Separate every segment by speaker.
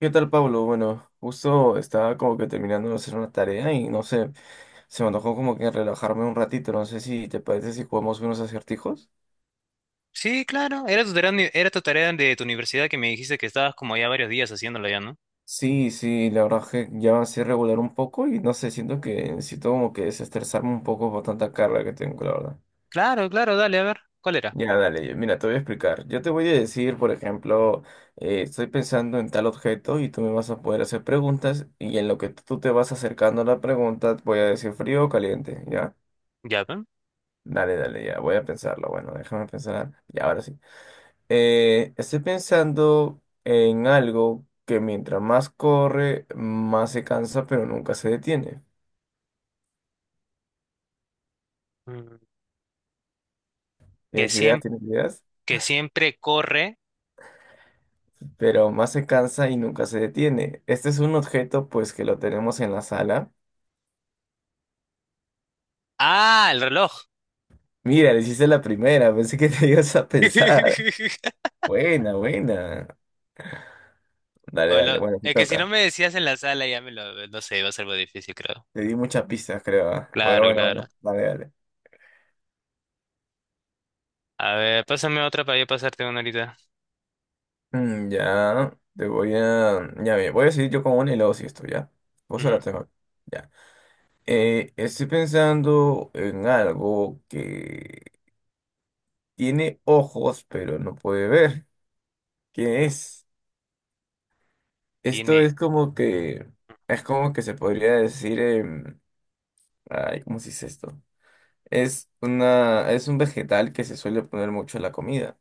Speaker 1: ¿Qué tal, Pablo? Bueno, justo estaba como que terminando de hacer una tarea y no sé, se me antojó como que relajarme un ratito. No sé si te parece si jugamos unos acertijos.
Speaker 2: Sí, claro, era tu tarea, era tu tarea de tu universidad que me dijiste que estabas como ya varios días haciéndola ya, ¿no?
Speaker 1: Sí, sí, la verdad que ya así regular un poco y no sé, siento que necesito como que desestresarme un poco por tanta carga que tengo, la verdad.
Speaker 2: Claro, claro, dale, a ver, ¿cuál era?
Speaker 1: Ya, dale, mira, te voy a explicar. Yo te voy a decir, por ejemplo, estoy pensando en tal objeto y tú me vas a poder hacer preguntas y en lo que tú te vas acercando a la pregunta voy a decir frío o caliente, ¿ya?
Speaker 2: Ya, ¿ven?
Speaker 1: Dale, dale, ya voy a pensarlo. Bueno, déjame pensar. Ya, ahora sí. Estoy pensando en algo que mientras más corre, más se cansa, pero nunca se detiene.
Speaker 2: Mm. Que
Speaker 1: ¿Tienes ideas?
Speaker 2: siempre,
Speaker 1: ¿Tienes ideas?
Speaker 2: que siempre corre.
Speaker 1: Pero más se cansa y nunca se detiene. Este es un objeto, pues, que lo tenemos en la sala.
Speaker 2: Ah, el reloj.
Speaker 1: Mira, le hiciste la primera. Pensé que te ibas a pensar. Buena, buena. Dale, dale. Bueno, te
Speaker 2: Es que si
Speaker 1: toca.
Speaker 2: no me decías en la sala ya me lo, no sé, iba a ser algo difícil, creo.
Speaker 1: Te di muchas pistas, creo. ¿Ah? Bueno,
Speaker 2: Claro,
Speaker 1: bueno,
Speaker 2: claro.
Speaker 1: bueno. Dale, dale.
Speaker 2: A ver, pásame otra para yo pasarte una ahorita.
Speaker 1: Mm, ya, te voy a... Ya, ve, voy a seguir yo con una y luego si esto, ¿ya? Vos
Speaker 2: Ujú.
Speaker 1: la te. Ya. Estoy pensando en algo que tiene ojos, pero no puede ver. ¿Qué es? Esto
Speaker 2: Tiene
Speaker 1: es como que... Es como que se podría decir... ay, ¿cómo se dice esto? Es una... Es un vegetal que se suele poner mucho en la comida.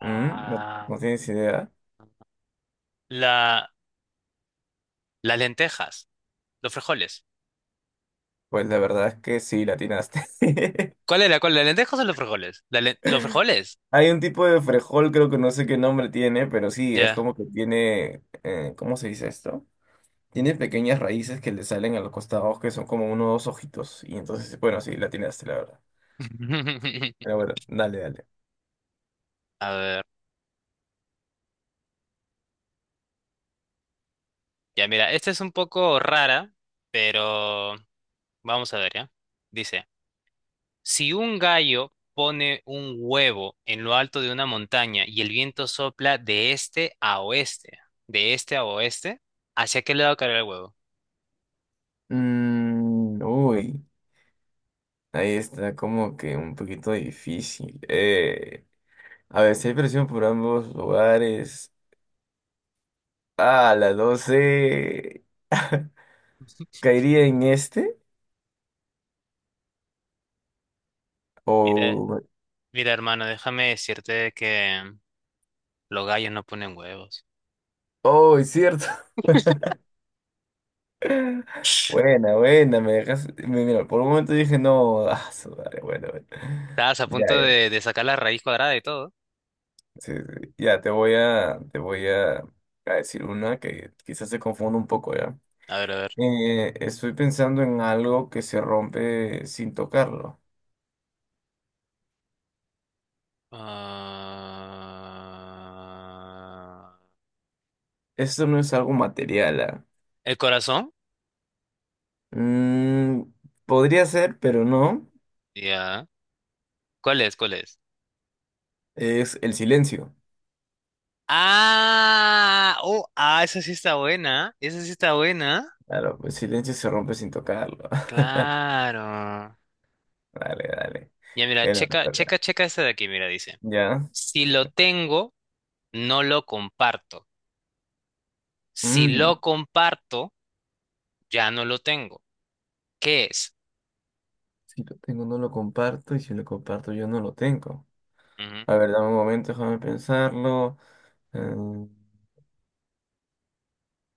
Speaker 1: ¿Mm? ¿No,
Speaker 2: ah,
Speaker 1: no tienes idea?
Speaker 2: la, las lentejas, los frijoles.
Speaker 1: Pues la verdad es que sí, la atinaste.
Speaker 2: ¿Cuál era? ¿Cuál? ¿Las lentejas o los frijoles? ¿Los frijoles?
Speaker 1: Hay un tipo de frejol, creo que no sé qué nombre tiene, pero sí, es
Speaker 2: Ya.
Speaker 1: como que tiene, ¿cómo se dice esto? Tiene pequeñas raíces que le salen a los costados, que son como unos dos ojitos. Y entonces, bueno, sí, la atinaste, la verdad. Pero bueno, dale, dale.
Speaker 2: A ver, ya mira, esta es un poco rara, pero vamos a ver, ¿ya? Dice, si un gallo pone un huevo en lo alto de una montaña y el viento sopla de este a oeste, de este a oeste, ¿hacia qué lado caerá el huevo?
Speaker 1: Mm, uy, ahí está como que un poquito difícil. A ver, si hay presión por ambos lugares. Ah, la 12. ¿Caería en este?
Speaker 2: Mira,
Speaker 1: O...
Speaker 2: mira, hermano, déjame decirte que los gallos no ponen huevos.
Speaker 1: Oh, es cierto. Buena, buena, me dejas. Mira, por un momento dije, no, ah, su madre, bueno, bueno.
Speaker 2: Estabas a
Speaker 1: Ya,
Speaker 2: punto
Speaker 1: ya.
Speaker 2: de sacar la raíz cuadrada y todo.
Speaker 1: Sí, sí. Ya, te voy a a decir una que quizás se confunda un poco, ¿ya?
Speaker 2: A ver, a ver.
Speaker 1: Estoy pensando en algo que se rompe sin tocarlo.
Speaker 2: Ah,
Speaker 1: Esto no es algo material, ¿ah?
Speaker 2: ¿el corazón?
Speaker 1: Mm, podría ser, pero no.
Speaker 2: Ya. ¿Cuál es? ¿Cuál es?
Speaker 1: Es el silencio.
Speaker 2: Ah, oh, ah, esa sí está buena. Esa sí está buena.
Speaker 1: Claro, el silencio se rompe sin tocarlo.
Speaker 2: Claro.
Speaker 1: Dale, dale.
Speaker 2: Ya mira,
Speaker 1: Te lo
Speaker 2: checa,
Speaker 1: toca.
Speaker 2: checa, checa esta de aquí, mira, dice.
Speaker 1: Ya.
Speaker 2: Si lo tengo, no lo comparto. Si
Speaker 1: Mm.
Speaker 2: lo comparto, ya no lo tengo. ¿Qué es?
Speaker 1: Si lo tengo, no lo comparto. Y si lo comparto, yo no lo tengo.
Speaker 2: Ujú.
Speaker 1: A ver, dame un momento, déjame pensarlo. Mm,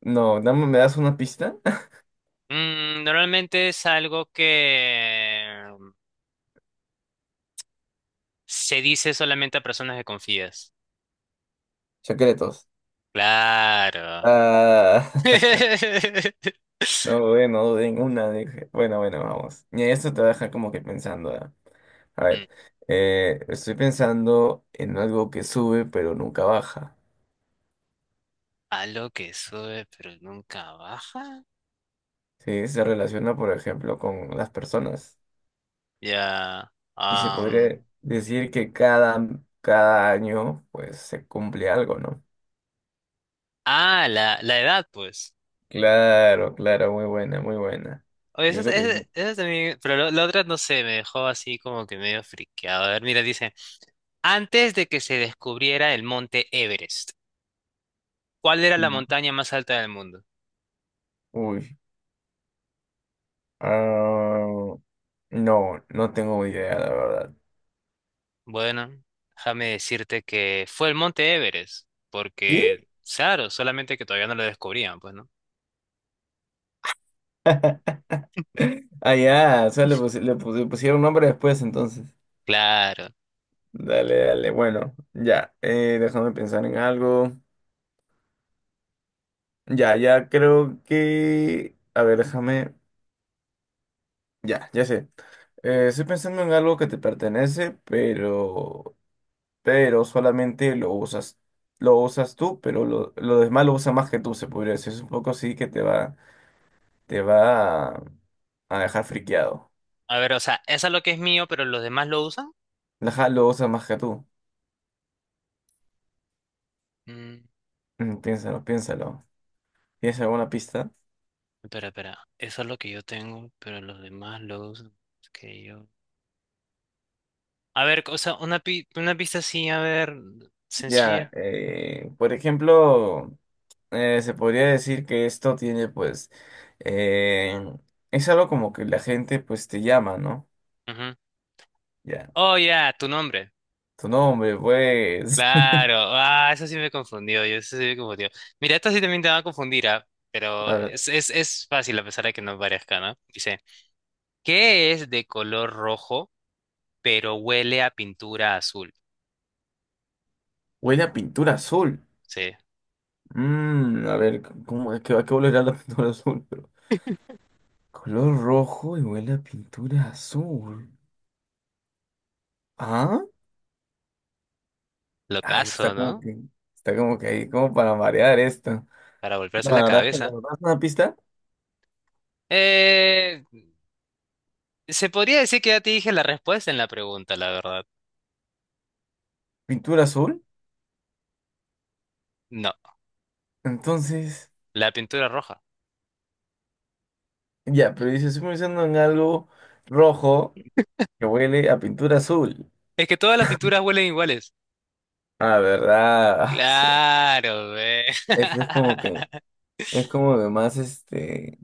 Speaker 1: no, dame, ¿me das una pista?
Speaker 2: Mm, normalmente es algo que se dice solamente a personas que confías.
Speaker 1: Secretos.
Speaker 2: Claro.
Speaker 1: Ah, no dudé, no dudé en una. Dije, bueno, bueno, vamos. Y esto te deja como que pensando. ¿Ah? A
Speaker 2: Mm.
Speaker 1: ver, estoy pensando en algo que sube pero nunca baja.
Speaker 2: A lo que sube pero nunca baja.
Speaker 1: ¿Sí? Se relaciona, por ejemplo, con las personas.
Speaker 2: Ya.
Speaker 1: Y se podría decir que cada año pues se cumple algo, ¿no?
Speaker 2: Ah, la edad, pues.
Speaker 1: Claro, claro, muy buena, muy buena.
Speaker 2: Oye, eso,
Speaker 1: Digo que tengo-
Speaker 2: eso también. Pero la otra no sé, me dejó así como que medio friqueado. A ver, mira, dice: antes de que se descubriera el monte Everest, ¿cuál era la
Speaker 1: Mm,
Speaker 2: montaña más alta del mundo?
Speaker 1: uy. Ah, no, no tengo idea, la verdad.
Speaker 2: Bueno, déjame decirte que fue el monte Everest.
Speaker 1: ¿Y?
Speaker 2: Porque, claro, solamente que todavía no lo descubrían, pues, ¿no?
Speaker 1: Ah, ya, o sea, le pusieron nombre después, entonces.
Speaker 2: Claro.
Speaker 1: Dale, dale, bueno, ya. Déjame pensar en algo. Ya, ya creo que. A ver, déjame. Ya, ya sé. Estoy pensando en algo que te pertenece, pero. Pero solamente lo usas tú, pero lo demás lo usa más que tú, se podría decir. Es un poco así que te va, te va a, a dejar friqueado.
Speaker 2: A ver, o sea, esa es lo que es mío, pero los demás lo usan.
Speaker 1: Ajá, lo usa más que tú.
Speaker 2: Mm.
Speaker 1: Mm, piénsalo, piénsalo. ¿Tienes alguna pista?
Speaker 2: Espera, espera. Eso es lo que yo tengo, pero los demás los que yo. A ver, o sea, una pista así, a ver,
Speaker 1: Ya,
Speaker 2: sencilla.
Speaker 1: por ejemplo, se podría decir que esto tiene, pues, eh, es algo como que la gente, pues, te llama, ¿no?
Speaker 2: Ujú.
Speaker 1: Ya,
Speaker 2: Oh, ya, tu nombre.
Speaker 1: tu nombre, pues.
Speaker 2: Claro. Ah, eso sí me confundió. Yo eso sí me confundió. Mira, esto sí también te va a confundir, ¿ah? Pero
Speaker 1: A ver,
Speaker 2: es fácil a pesar de que no parezca, ¿no? Dice, ¿qué es de color rojo, pero huele a pintura azul?
Speaker 1: huele a pintura azul.
Speaker 2: Sí.
Speaker 1: Mm, a ver, ¿cómo es que va a volver a la pintura azul? Pero color rojo y huele a pintura azul. ¿Ah?
Speaker 2: Lo
Speaker 1: Ahí
Speaker 2: caso, ¿no?
Speaker 1: está como que ahí, como para variar esto.
Speaker 2: Para
Speaker 1: No,
Speaker 2: volverse la
Speaker 1: la verdad es que la
Speaker 2: cabeza.
Speaker 1: verdad es una pista,
Speaker 2: Eh. Se podría decir que ya te dije la respuesta en la pregunta, la verdad.
Speaker 1: pintura azul.
Speaker 2: No,
Speaker 1: Entonces,
Speaker 2: la pintura roja.
Speaker 1: ya, pero dice, estoy pensando en algo rojo que huele a pintura azul.
Speaker 2: Es que todas las pinturas huelen iguales.
Speaker 1: Ah, ¿verdad? Eso,
Speaker 2: Claro, ve.
Speaker 1: eso es como que. Es como de más, este...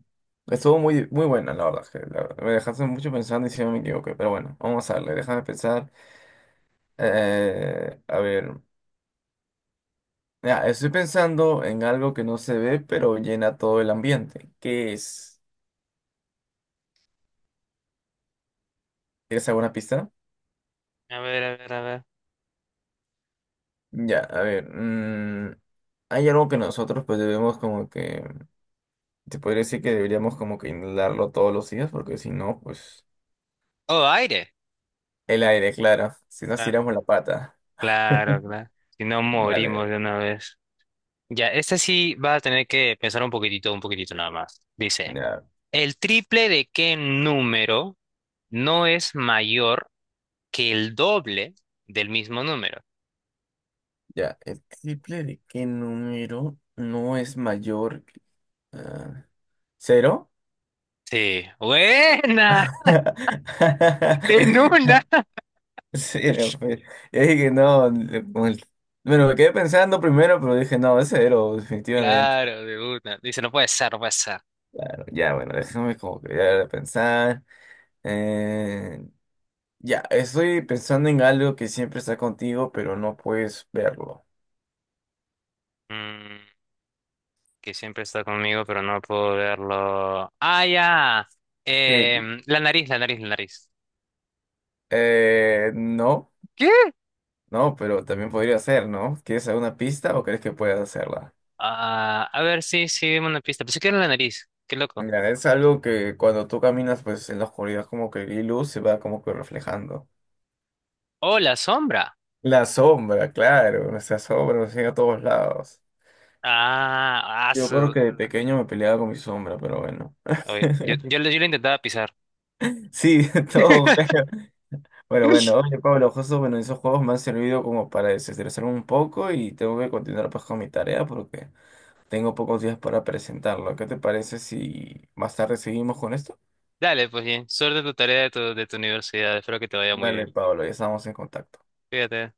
Speaker 1: Estuvo muy, muy buena, la verdad. Que la verdad, me dejaste mucho pensando y si no me equivoqué. Pero bueno, vamos a darle, déjame pensar. A ver, ya, estoy pensando en algo que no se ve, pero llena todo el ambiente. ¿Qué es? ¿Quieres alguna pista?
Speaker 2: A ver, a ver, a ver.
Speaker 1: Ya, a ver. Hay algo que nosotros pues debemos como que... Te podría decir que deberíamos como que inhalarlo todos los días, porque si no, pues...
Speaker 2: Oh, aire.
Speaker 1: El aire, claro. Si nos
Speaker 2: Cla-
Speaker 1: tiramos la pata.
Speaker 2: Claro, claro. Si no morimos
Speaker 1: Dale,
Speaker 2: de una vez. Ya, esta sí va a tener que pensar un poquitito nada más. Dice,
Speaker 1: ya.
Speaker 2: ¿el triple de qué número no es mayor que el doble del mismo número?
Speaker 1: Ya, ¿el triple de qué número no es mayor? Ah, ¿cero?
Speaker 2: Sí, buena, en una.
Speaker 1: Cero, pues. Yo dije, no, bueno, me quedé pensando primero, pero dije, no, es cero, definitivamente.
Speaker 2: Claro, de una. Dice, no puede ser, no puede ser.
Speaker 1: Claro, ya, bueno, déjame como que ya pensar. Eh, ya, estoy pensando en algo que siempre está contigo, pero no puedes verlo.
Speaker 2: Mm, que siempre está conmigo, pero no puedo verlo. Ah, ya.
Speaker 1: ¿Qué?
Speaker 2: La nariz, la nariz, la nariz.
Speaker 1: No.
Speaker 2: ¿Qué?
Speaker 1: No, pero también podría ser, ¿no? ¿Quieres alguna pista o crees que puedes hacerla?
Speaker 2: Ah, a ver, sí, sí, dime una pista. Pensé que era la nariz. Qué loco.
Speaker 1: Mira, es algo que cuando tú caminas, pues en la oscuridad como que la luz se va como que reflejando.
Speaker 2: Oh, la sombra.
Speaker 1: La sombra, claro, nuestra sombra nos sigue a todos lados.
Speaker 2: Ah, ah,
Speaker 1: Yo creo
Speaker 2: su.
Speaker 1: que de
Speaker 2: ah,
Speaker 1: pequeño me peleaba con mi sombra, pero bueno.
Speaker 2: Oye, yo lo intentaba pisar.
Speaker 1: Sí, todo. Bueno, bueno, oye Pablo, justo bueno, esos juegos me han servido como para desestresarme un poco y tengo que continuar pues con mi tarea porque tengo pocos días para presentarlo. ¿Qué te parece si más tarde seguimos con esto?
Speaker 2: Dale, pues bien. Suerte en tu tarea de de tu universidad. Espero que te vaya muy
Speaker 1: Dale,
Speaker 2: bien.
Speaker 1: Pablo, ya estamos en contacto.
Speaker 2: Fíjate.